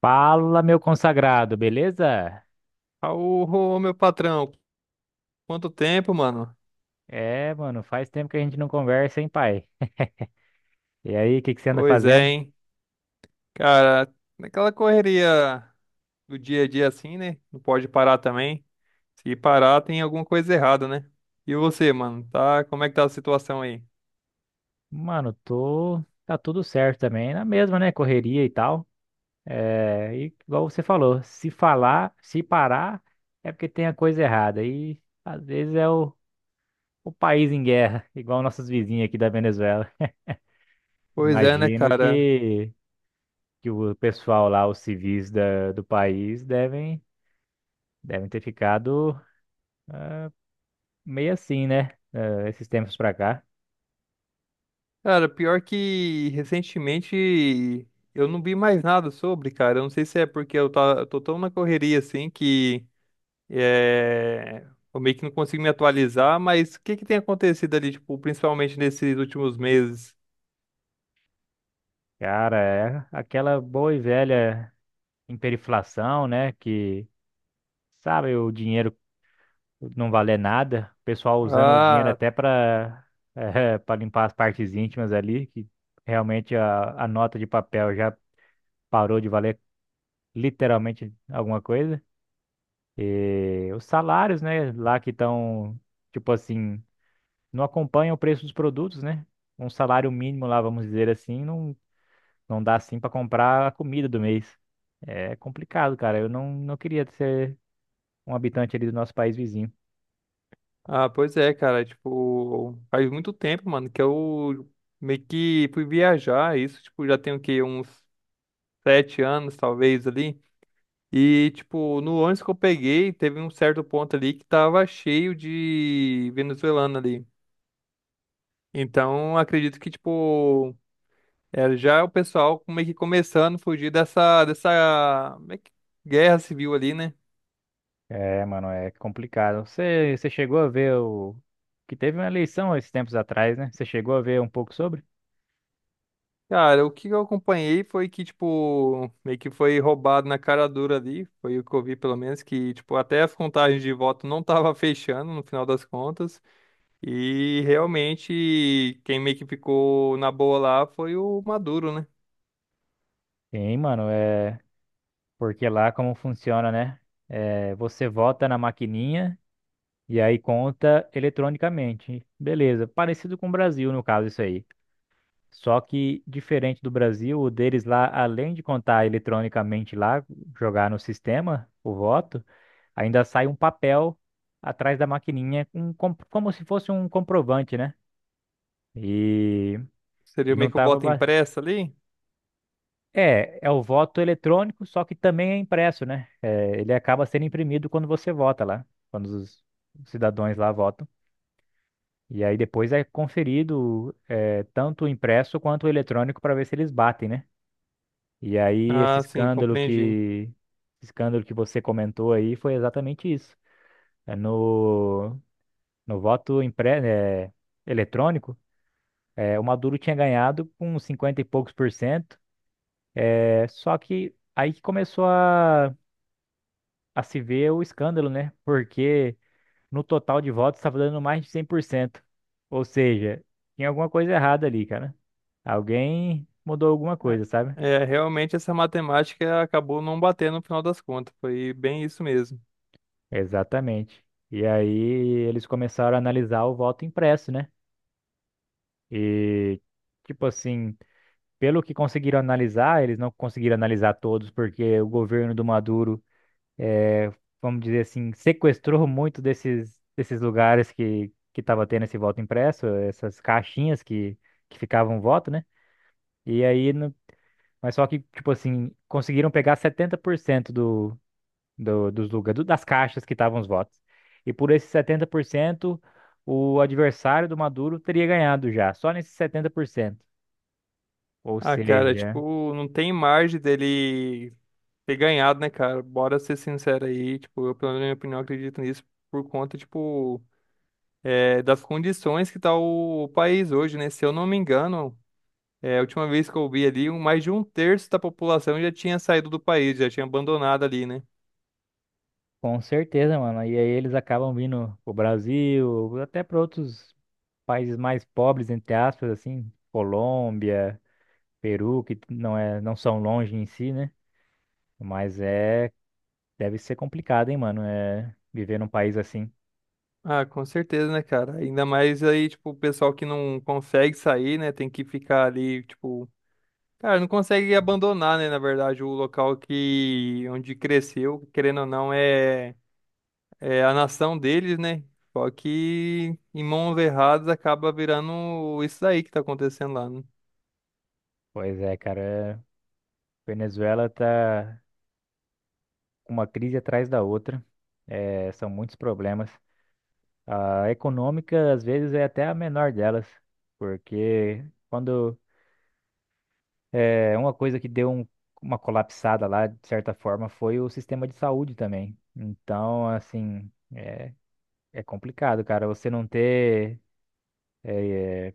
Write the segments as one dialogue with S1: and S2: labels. S1: Fala, meu consagrado, beleza?
S2: Ô, meu patrão, quanto tempo, mano?
S1: É, mano, faz tempo que a gente não conversa, hein, pai? E aí, o que que você anda
S2: Pois é,
S1: fazendo?
S2: hein? Cara, naquela correria do dia a dia assim, né? Não pode parar também. Se parar, tem alguma coisa errada, né? E você, mano, tá? Como é que tá a situação aí?
S1: Mano, tô. Tá tudo certo também, na mesma, né? Correria e tal. É, e igual você falou, se falar, se parar, é porque tem a coisa errada. E às vezes é o país em guerra, igual nossos vizinhos aqui da Venezuela.
S2: Pois é, né,
S1: Imagino
S2: cara?
S1: que o pessoal lá, os civis do país, devem ter ficado. Meio assim, né? Esses tempos pra cá.
S2: Cara, pior que recentemente eu não vi mais nada sobre, cara. Eu não sei se é porque eu tô tão na correria assim que. É, eu meio que não consigo me atualizar, mas o que que tem acontecido ali, tipo, principalmente nesses últimos meses?
S1: Cara, é aquela boa e velha hiperinflação, né? Que, sabe, o dinheiro não valer nada. O pessoal usando o dinheiro
S2: Ah,
S1: até pra, pra limpar as partes íntimas ali, que realmente a nota de papel já parou de valer literalmente alguma coisa. E os salários, né? Lá que estão, tipo assim, não acompanham o preço dos produtos, né? Um salário mínimo lá, vamos dizer assim, não. Não dá assim pra comprar a comida do mês. É complicado, cara. Eu não queria ser um habitante ali do nosso país vizinho.
S2: pois é, cara, tipo, faz muito tempo, mano, que eu meio que fui viajar, isso, tipo, já tem o quê? Uns 7 anos, talvez, ali. E, tipo, no ônibus que eu peguei, teve um certo ponto ali que tava cheio de venezuelano ali. Então, acredito que, tipo, é, já é o pessoal meio que começando a fugir dessa meio que guerra civil ali, né?
S1: É, mano, é complicado. Você chegou a ver o... que teve uma eleição esses tempos atrás, né? Você chegou a ver um pouco sobre?
S2: Cara, o que eu acompanhei foi que, tipo, meio que foi roubado na cara dura ali. Foi o que eu vi, pelo menos, que, tipo, até as contagens de voto não tava fechando no final das contas. E realmente, quem meio que ficou na boa lá foi o Maduro, né?
S1: Sim, mano, é porque lá como funciona, né? É, você vota na maquininha e aí conta eletronicamente. Beleza, parecido com o Brasil no caso isso aí. Só que, diferente do Brasil, o deles lá, além de contar eletronicamente lá, jogar no sistema, o voto, ainda sai um papel atrás da maquininha, um, como se fosse um comprovante, né? E,
S2: Seria
S1: e
S2: meio
S1: não
S2: que o
S1: tava.
S2: voto impresso ali?
S1: É, é o voto eletrônico, só que também é impresso, né? É, ele acaba sendo imprimido quando você vota lá, quando os cidadãos lá votam. E aí depois é conferido, é, tanto o impresso quanto o eletrônico para ver se eles batem, né? E aí
S2: Ah, sim, compreendi.
S1: esse escândalo que você comentou aí foi exatamente isso. É no voto eletrônico, é, o Maduro tinha ganhado com 50 e poucos por cento. É, só que aí que começou a se ver o escândalo, né? Porque no total de votos estava dando mais de 100%. Ou seja, tinha alguma coisa errada ali, cara. Alguém mudou alguma coisa, sabe?
S2: É, realmente essa matemática acabou não batendo no final das contas. Foi bem isso mesmo.
S1: Exatamente. E aí eles começaram a analisar o voto impresso, né? E, tipo assim, pelo que conseguiram analisar, eles não conseguiram analisar todos, porque o governo do Maduro, eh, vamos dizer assim, sequestrou muito desses lugares que estava tendo esse voto impresso, essas caixinhas que ficavam o voto, né? E aí, no- Mas só que, tipo assim, conseguiram pegar 70% dos lugares, das caixas que estavam os votos. E por esses 70% o adversário do Maduro teria ganhado já, só nesses 70%. Ou
S2: Ah, cara,
S1: seja,
S2: tipo, não tem margem dele ter ganhado, né, cara? Bora ser sincero aí. Tipo, eu, pelo menos, na minha opinião, acredito nisso por conta, tipo, das condições que tá o país hoje, né? Se eu não me engano, a última vez que eu vi ali, mais de um terço da população já tinha saído do país, já tinha abandonado ali, né?
S1: com certeza, mano. E aí eles acabam vindo pro Brasil, até para outros países mais pobres, entre aspas, assim, Colômbia, Peru, que não são longe em si, né? Mas é, deve ser complicado, hein, mano, é viver num país assim.
S2: Ah, com certeza, né, cara? Ainda mais aí, tipo, o pessoal que não consegue sair, né? Tem que ficar ali, tipo, cara, não consegue abandonar, né? Na verdade, o local que onde cresceu, querendo ou não, é a nação deles, né? Só que em mãos erradas acaba virando isso daí que tá acontecendo lá, né?
S1: Pois é, cara, Venezuela tá uma crise atrás da outra. É, são muitos problemas. A econômica, às vezes, é até a menor delas, porque quando é uma coisa que uma colapsada lá, de certa forma, foi o sistema de saúde também. Então, assim, é complicado, cara. Você não ter é,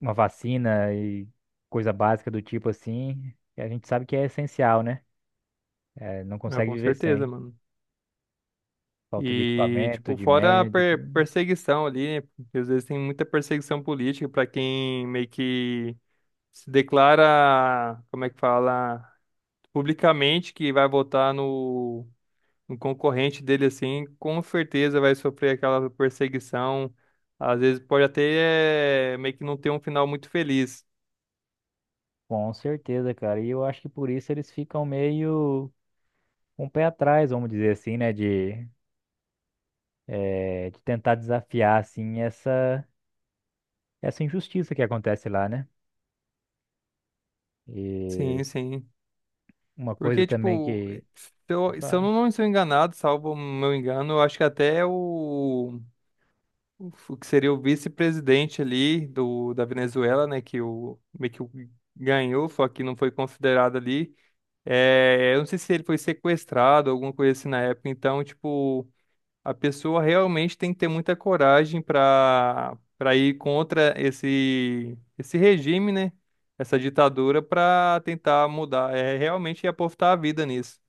S1: uma vacina e coisa básica do tipo assim, a gente sabe que é essencial, né? É, não
S2: Ah,
S1: consegue
S2: com
S1: viver
S2: certeza,
S1: sem.
S2: mano.
S1: Falta de
S2: E,
S1: equipamento,
S2: tipo,
S1: de
S2: fora a
S1: médico.
S2: perseguição ali, né? Porque às vezes tem muita perseguição política pra quem meio que se declara, como é que fala, publicamente que vai votar no concorrente dele assim, com certeza vai sofrer aquela perseguição. Às vezes pode até meio que não ter um final muito feliz.
S1: Com certeza, cara. E eu acho que por isso eles ficam meio com o pé atrás, vamos dizer assim, né? De tentar desafiar, assim, essa injustiça que acontece lá, né?
S2: Sim,
S1: E
S2: sim.
S1: uma coisa
S2: Porque,
S1: também
S2: tipo,
S1: que. Pode
S2: se eu
S1: falar.
S2: não estou enganado, salvo o meu engano, eu acho que até o que seria o vice-presidente ali do, da Venezuela, né, que o, meio que o ganhou, só que não foi considerado ali. É, eu não sei se ele foi sequestrado, alguma coisa assim na época. Então, tipo, a pessoa realmente tem que ter muita coragem para ir contra esse regime, né? Essa ditadura para tentar mudar. É realmente apostar a vida nisso.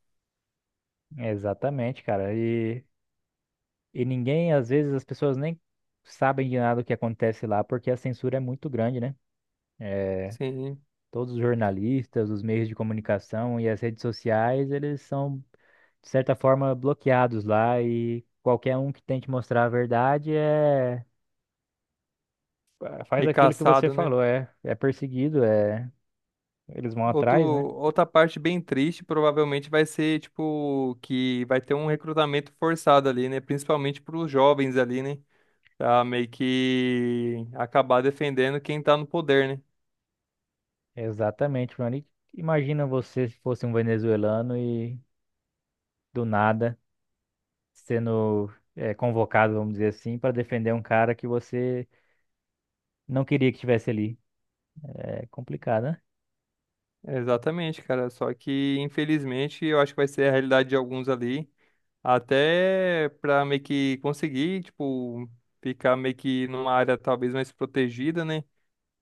S1: Exatamente, cara. E ninguém, às vezes, as pessoas nem sabem de nada o que acontece lá, porque a censura é muito grande, né? Eh,
S2: Sim,
S1: Todos os jornalistas, os meios de comunicação e as redes sociais, eles são de certa forma, bloqueados lá e qualquer um que tente mostrar a verdade é, faz
S2: meio
S1: aquilo que você
S2: caçado, né?
S1: falou, é perseguido, é eles vão
S2: Outro,
S1: atrás, né?
S2: outra parte bem triste provavelmente vai ser, tipo, que vai ter um recrutamento forçado ali, né? Principalmente para os jovens ali, né? Pra meio que acabar defendendo quem tá no poder, né?
S1: Exatamente, Rony. Imagina você se fosse um venezuelano e do nada sendo é, convocado, vamos dizer assim, para defender um cara que você não queria que estivesse ali. É complicado, né?
S2: Exatamente, cara. Só que, infelizmente, eu acho que vai ser a realidade de alguns ali. Até pra meio que conseguir, tipo, ficar meio que numa área talvez mais protegida, né?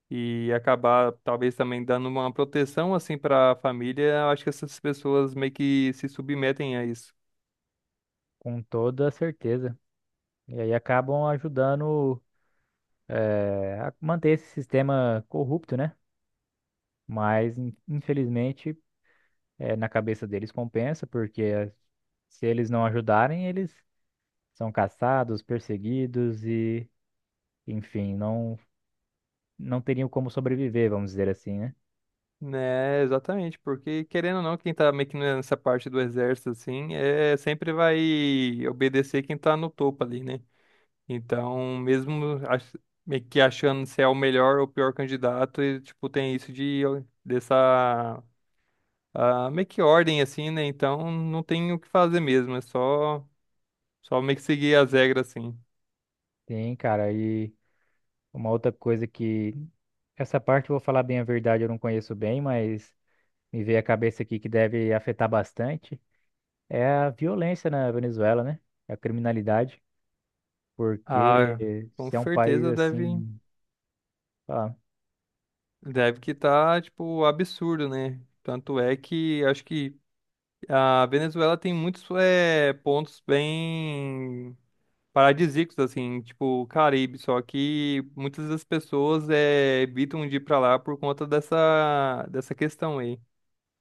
S2: E acabar talvez também dando uma proteção assim pra família. Eu acho que essas pessoas meio que se submetem a isso.
S1: Com toda certeza. E aí acabam ajudando é, a manter esse sistema corrupto, né? Mas infelizmente na cabeça deles compensa, porque se eles não ajudarem, eles são caçados, perseguidos enfim, não teriam como sobreviver, vamos dizer assim, né?
S2: Né, exatamente, porque querendo ou não, quem tá meio que nessa parte do exército, assim, é sempre vai obedecer quem tá no topo ali, né? Então, mesmo meio que achando se é o melhor ou o pior candidato, e, tipo, tem isso de dessa meio que ordem, assim, né? Então, não tem o que fazer mesmo, só meio que seguir as regras, assim.
S1: Sim, cara, e uma outra coisa que essa parte, eu vou falar bem a verdade, eu não conheço bem, mas me veio a cabeça aqui que deve afetar bastante é a violência na Venezuela, né? A criminalidade,
S2: Ah,
S1: porque
S2: com
S1: se é um país
S2: certeza deve,
S1: assim, sei lá,
S2: deve que tá, tipo, absurdo, né? Tanto é que acho que. A Venezuela tem muitos pontos bem paradisíacos, assim, tipo o Caribe, só que muitas das pessoas evitam de ir pra lá por conta dessa questão aí.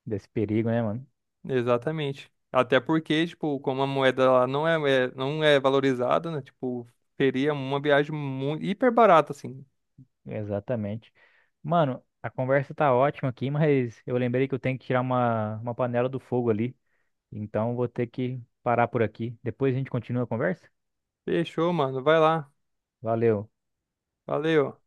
S1: desse perigo, né, mano?
S2: Exatamente. Até porque, tipo, como a moeda lá não é, não é valorizada, né? Tipo, seria uma viagem muito, hiper barata, assim.
S1: Exatamente. Mano, a conversa tá ótima aqui, mas eu lembrei que eu tenho que tirar uma panela do fogo ali. Então vou ter que parar por aqui. Depois a gente continua a conversa.
S2: Fechou, mano. Vai lá.
S1: Valeu.
S2: Valeu.